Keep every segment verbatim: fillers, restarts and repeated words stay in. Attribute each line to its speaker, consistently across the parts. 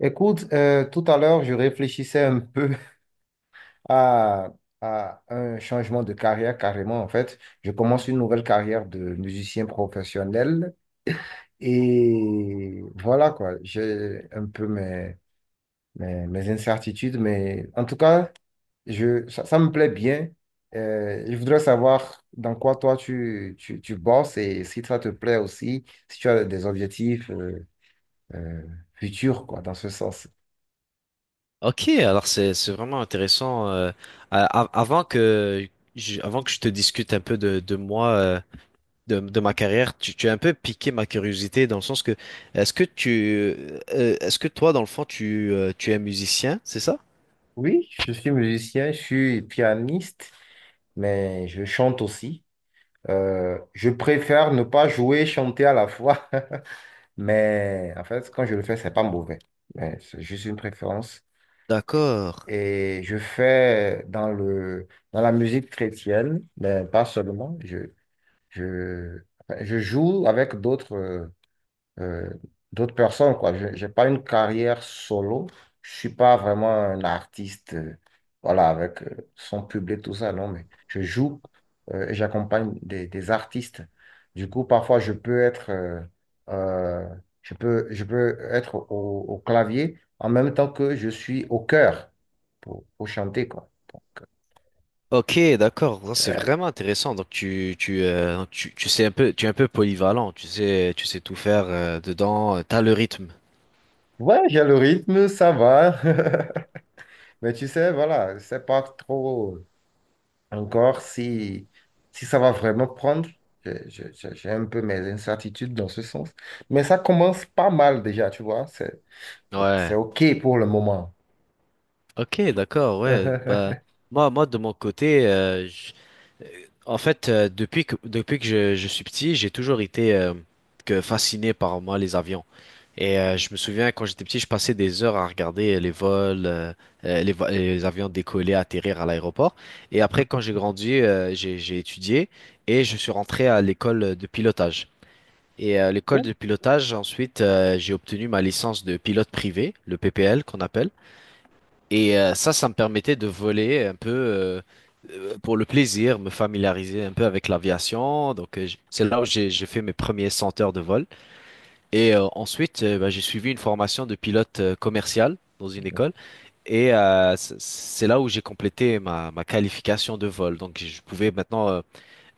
Speaker 1: Écoute, euh, tout à l'heure, je réfléchissais un peu à, à un changement de carrière carrément. En fait, je commence une nouvelle carrière de musicien professionnel et voilà quoi. J'ai un peu mes, mes, mes incertitudes, mais en tout cas, je, ça, ça me plaît bien. Euh, je voudrais savoir dans quoi toi tu, tu, tu bosses et si ça te plaît aussi, si tu as des objectifs euh, euh, futurs quoi, dans ce sens.
Speaker 2: Ok, alors c'est c'est vraiment intéressant. euh, a- a- avant que je, avant que je te discute un peu de, de moi, euh, de, de ma carrière, tu, tu as un peu piqué ma curiosité dans le sens que est-ce que tu euh, euh, est-ce que toi dans le fond tu euh, tu es musicien, c'est ça?
Speaker 1: Oui, je suis musicien, je suis pianiste, mais je chante aussi. Euh, je préfère ne pas jouer et chanter à la fois, mais en fait, quand je le fais, c'est pas mauvais. Mais c'est juste une préférence.
Speaker 2: D'accord.
Speaker 1: Et je fais dans le, dans la musique chrétienne, mais pas seulement. Je, je, enfin, je joue avec d'autres. euh, euh, d'autres personnes, quoi. Je n'ai pas une carrière solo. Je suis pas vraiment un artiste, euh, voilà, avec euh, son public, tout ça, non, mais je joue euh, et j'accompagne des, des artistes. Du coup, parfois, je peux être, euh, euh, je peux, je peux être au, au clavier en même temps que je suis au cœur pour, pour chanter, quoi. Donc,
Speaker 2: Ok, d'accord. Non, c'est
Speaker 1: euh,
Speaker 2: vraiment intéressant. Donc tu tu, euh, donc tu tu sais un peu tu es un peu polyvalent. Tu sais tu sais tout faire euh, dedans. euh, T'as le rythme.
Speaker 1: ouais, j'ai le rythme, ça va. Mais tu sais, voilà, c'est pas trop. Encore, si, si ça va vraiment prendre, je- je- je- j'ai un peu mes incertitudes dans ce sens. Mais ça commence pas mal déjà, tu vois. C'est, c'est
Speaker 2: Ouais.
Speaker 1: OK pour le moment.
Speaker 2: Ok, d'accord. Ouais. Bah moi moi de mon côté. En fait, euh, depuis que, depuis que je, je suis petit, j'ai toujours été euh, que fasciné par moi les avions. Et euh, je me souviens quand j'étais petit, je passais des heures à regarder euh, les vols, euh, euh, les, vo- les avions décoller, atterrir à l'aéroport. Et après, quand j'ai grandi, euh, j'ai, j'ai étudié et je suis rentré à l'école de pilotage. Et à l'école
Speaker 1: Ouh.
Speaker 2: de pilotage, ensuite, euh, j'ai obtenu ma licence de pilote privé, le P P L qu'on appelle. Et euh, ça, ça me permettait de voler un peu euh, euh, pour le plaisir, me familiariser un peu avec l'aviation. Donc, euh, j- c'est là où j'ai j'ai fait mes premiers cent heures de vol. Et euh, ensuite, euh, bah, j'ai suivi une formation de pilote euh, commercial dans une école. Et euh, c- c'est là où j'ai complété ma, ma qualification de vol. Donc, je pouvais maintenant euh,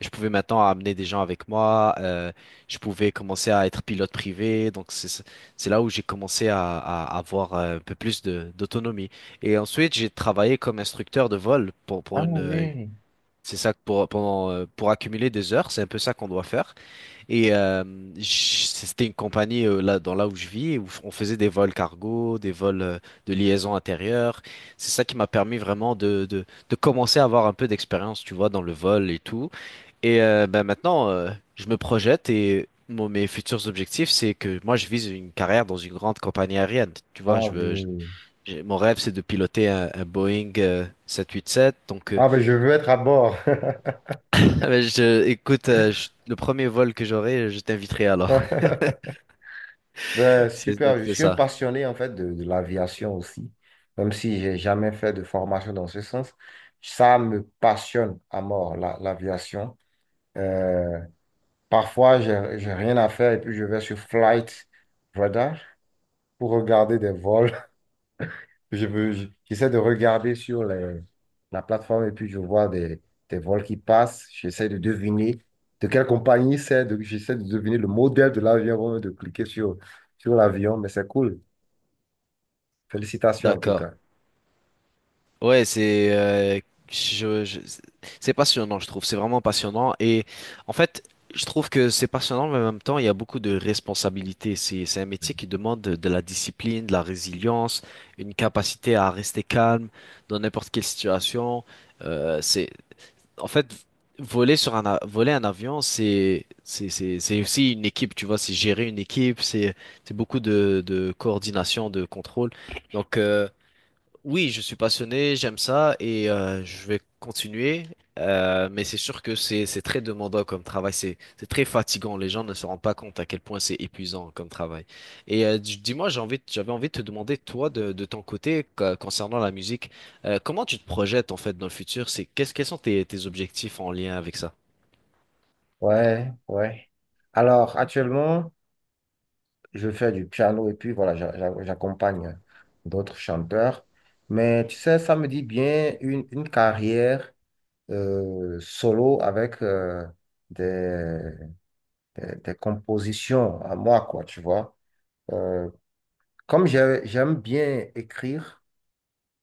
Speaker 2: je pouvais maintenant amener des gens avec moi, euh, je pouvais commencer à être pilote privé, donc c'est c'est là où j'ai commencé à, à avoir euh, un peu plus de d'autonomie. Et ensuite, j'ai travaillé comme instructeur de vol pour pour
Speaker 1: Ah
Speaker 2: une euh,
Speaker 1: oui.
Speaker 2: c'est ça que pour pendant euh, pour accumuler des heures, c'est un peu ça qu'on doit faire. Et euh, j- c'était une compagnie euh, là dans là où je vis où on faisait des vols cargo, des vols euh, de liaison intérieure. C'est ça qui m'a permis vraiment de de de commencer à avoir un peu d'expérience, tu vois, dans le vol et tout. Et euh, bah, maintenant, euh, je me projette et mon- mes futurs objectifs, c'est que moi, je vise une carrière dans une grande compagnie aérienne. Tu vois,
Speaker 1: Ah
Speaker 2: je veux, je-
Speaker 1: oui.
Speaker 2: j'ai- mon rêve, c'est de piloter un, un Boeing euh, sept cent quatre-vingt-sept. Donc, euh,
Speaker 1: Ah ben je veux être à bord.
Speaker 2: bah, je, écoute, euh, je- le premier vol que j'aurai, je t'inviterai alors.
Speaker 1: Ben,
Speaker 2: C'est, donc,
Speaker 1: super, je
Speaker 2: c'est
Speaker 1: suis un
Speaker 2: ça.
Speaker 1: passionné en fait de, de l'aviation aussi, même si j'ai jamais fait de formation dans ce sens. Ça me passionne à mort, la- l'aviation. Euh, Parfois, j'ai, j'ai rien à faire et puis je vais sur Flight Radar pour regarder des vols. Je veux, je- j'essaie de regarder sur les- la plateforme et puis je vois des, des vols qui passent. J'essaie de deviner de quelle compagnie c'est. de- J'essaie de deviner le modèle de l'avion avant même de cliquer sur, sur l'avion. Mais c'est cool. Félicitations en tout
Speaker 2: D'accord.
Speaker 1: cas.
Speaker 2: Ouais, c'est euh, je, je- c'est passionnant, je trouve. C'est vraiment passionnant. Et en fait, je trouve que c'est passionnant, mais en même temps, il y a beaucoup de responsabilités. C'est, c'est un métier qui demande de, de la discipline, de la résilience, une capacité à rester calme dans n'importe quelle situation. Euh, c'est, en fait, voler sur un, a- voler un avion, c'est, c'est, c'est, c'est aussi une équipe, tu vois. C'est gérer une équipe, c'est, c'est beaucoup de, de coordination, de contrôle. Donc, euh, oui, je suis passionné, j'aime ça et euh, je vais continuer. Euh, mais c'est sûr que c'est c'est très demandant comme travail, c'est c'est très fatigant. Les gens ne se rendent pas compte à quel point c'est épuisant comme travail. Et euh, dis- dis-moi, j'ai envie, de- j'avais envie de te demander toi de, de ton côté co- concernant la musique, euh, comment tu te projettes en fait dans le futur? C'est qu'est-ce quels sont tes, tes objectifs en lien avec ça?
Speaker 1: Ouais, ouais. Alors, actuellement, je fais du piano et puis voilà, j'a- j'a- j'accompagne d'autres chanteurs. Mais tu sais, ça me dit bien une, une carrière euh, solo avec euh, des, des, des compositions à moi, quoi, tu vois. Euh, comme j'ai- J'aime bien écrire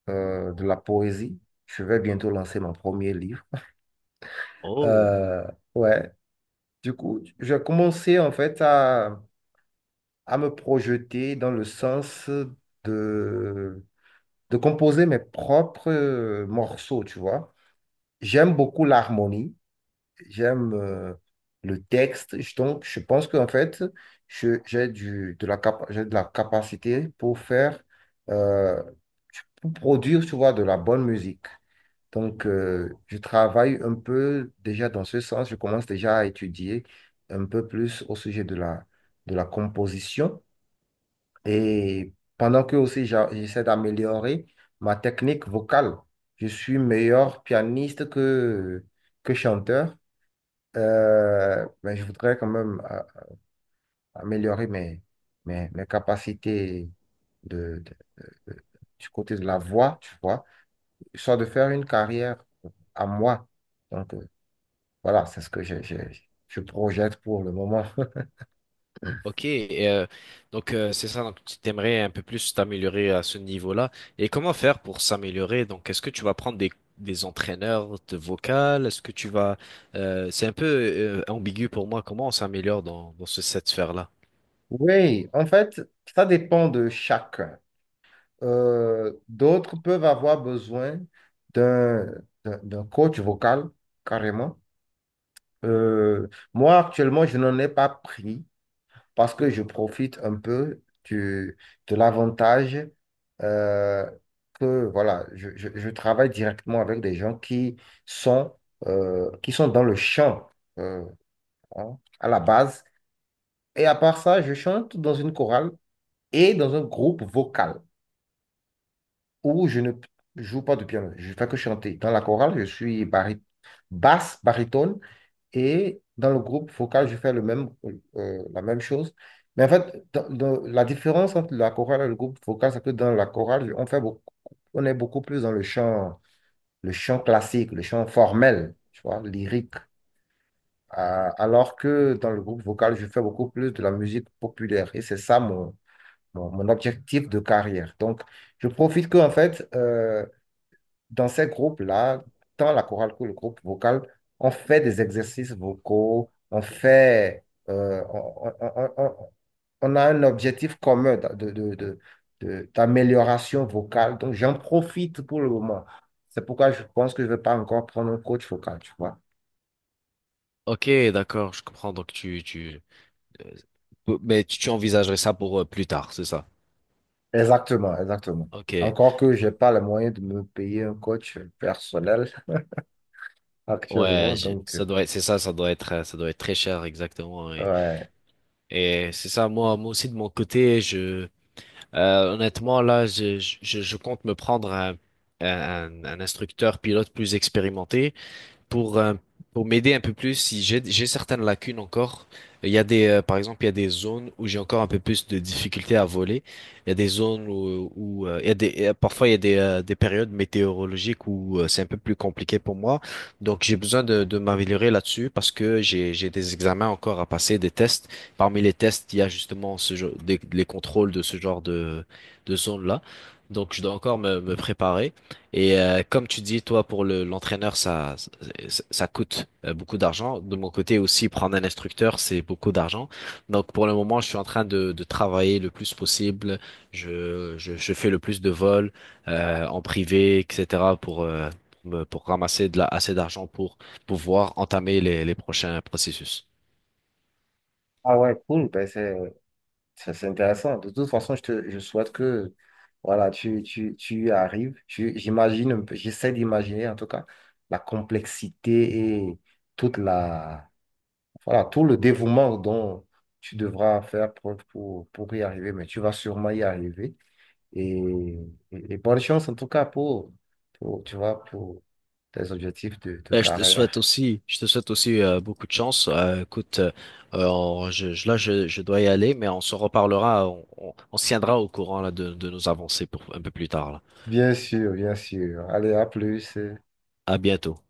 Speaker 1: euh, de la poésie, je vais bientôt lancer mon premier livre.
Speaker 2: Oh.
Speaker 1: Euh, ouais, du coup, j'ai commencé en fait à, à me projeter dans le sens de de composer mes propres euh, morceaux, tu vois. J'aime beaucoup l'harmonie, j'aime euh, le texte. Je- donc je pense qu'en fait, je- j'ai du, de la cap- j'ai de la capacité pour faire, euh, pour produire, tu vois, de la bonne musique. Donc, euh, je travaille un peu déjà dans ce sens, je commence déjà à étudier un peu plus au sujet de la, de la composition. Et pendant que aussi j'a- j'essaie d'améliorer ma technique vocale, je suis meilleur pianiste que, que chanteur. Euh, mais je voudrais quand même a- améliorer mes, mes, mes capacités de, de- de- du côté de la voix, tu vois, soit de faire une carrière à moi. Donc euh, voilà, c'est ce que je, je, je projette pour le moment.
Speaker 2: Ok, et, euh, donc euh, c'est ça, donc tu t'aimerais un peu plus t'améliorer à ce niveau-là. Et comment faire pour s'améliorer? Donc est-ce que tu vas prendre des, des entraîneurs de vocal? Est-ce que tu vas... euh, c'est un peu euh, ambigu pour moi, comment on s'améliore dans, dans ce, cette sphère-là?
Speaker 1: Oui, en fait, ça dépend de chacun. Euh, d'autres peuvent avoir besoin d'un d'un- d'un coach vocal, carrément. Euh, Moi, actuellement, je n'en ai pas pris parce que je profite un peu du, de l'avantage euh, que, voilà, je, je- je travaille directement avec des gens qui sont, euh, qui sont dans le chant euh, hein, à la base. Et à part ça, je chante dans une chorale et dans un groupe vocal, où je ne joue pas de piano. Je ne fais que chanter. Dans la chorale, je suis bari- basse, baryton, et dans le groupe vocal, je fais le même, euh, la même chose. Mais en fait, dans- dans- la différence entre la chorale et le groupe vocal, c'est que dans la chorale, on fait beaucoup, on est beaucoup plus dans le chant, le chant classique, le chant formel, tu vois, lyrique. Euh, alors que dans le groupe vocal, je fais beaucoup plus de la musique populaire. Et c'est ça mon, mon, mon objectif de carrière. Donc, je profite que, en fait, euh, dans ces groupes-là, tant la chorale que le groupe vocal, on fait des exercices vocaux, on fait, euh, on, on- on- on- on a un objectif commun d'a- de, de- de- de- d'amélioration vocale. Donc, j'en profite pour le moment. C'est pourquoi je pense que je ne vais pas encore prendre un coach vocal, tu vois.
Speaker 2: Ok, d'accord, je comprends, donc tu... tu... euh, mais tu tu envisagerais ça pour euh, plus tard, c'est ça?
Speaker 1: Exactement, exactement.
Speaker 2: Ok,
Speaker 1: Encore que je n'ai pas les moyens de me payer un coach personnel
Speaker 2: ouais,
Speaker 1: actuellement,
Speaker 2: je-
Speaker 1: donc,
Speaker 2: ça
Speaker 1: euh,
Speaker 2: doit être, c'est ça, ça doit être, euh, ça doit être très cher, exactement. Et,
Speaker 1: ouais.
Speaker 2: et c'est ça, moi, moi aussi de mon côté, je, euh, honnêtement, là, je, je, je compte me prendre un, un, un instructeur pilote plus expérimenté. Pour, euh, pour m'aider un peu plus si j'ai j'ai certaines lacunes encore. Il y a des, euh, par exemple, il y a des zones où j'ai encore un peu plus de difficultés à voler. Il y a des zones où, où, euh, il y a des, euh, parfois il y a des, euh, des périodes météorologiques où euh, c'est un peu plus compliqué pour moi. Donc j'ai besoin de, de m'améliorer là-dessus parce que j'ai, j'ai des examens encore à passer, des tests. Parmi les tests, il y a justement ce, genre- des- les contrôles de ce genre de, de zones-là. Donc je dois encore me, me préparer. Et euh, comme tu dis, toi, pour le, l'entraîneur, ça, ça, ça coûte euh, beaucoup d'argent. De mon côté aussi, prendre un instructeur, c'est beaucoup d'argent. Donc pour le moment, je suis en train de, de travailler le plus possible. Je, je, je fais le plus de vols euh, en privé, et cætera pour, euh, pour, me- pour ramasser de la, assez d'argent pour pouvoir entamer les, les prochains processus.
Speaker 1: Ah ouais, cool, ben c'est ça, c'est intéressant. De toute façon, je te, je souhaite que voilà, tu, tu, tu y arrives. Tu- J'imagine, un peu- j'essaie d'imaginer en tout cas la complexité et toute la, voilà, tout le dévouement dont tu devras faire preuve pour, pour y arriver. Mais tu vas sûrement y arriver. Et, et- et bonne chance en tout cas pour, pour, tu vois, pour tes objectifs de, de
Speaker 2: Ben, je te
Speaker 1: carrière.
Speaker 2: souhaite aussi, je te souhaite aussi euh, beaucoup de chance. Euh, écoute, euh, euh, on- je, je- là, je, je dois y aller, mais on se reparlera, on, on, on se tiendra au courant là, de, de nos avancées pour un peu plus tard, là.
Speaker 1: Bien sûr, bien sûr. Allez, à plus.
Speaker 2: À bientôt.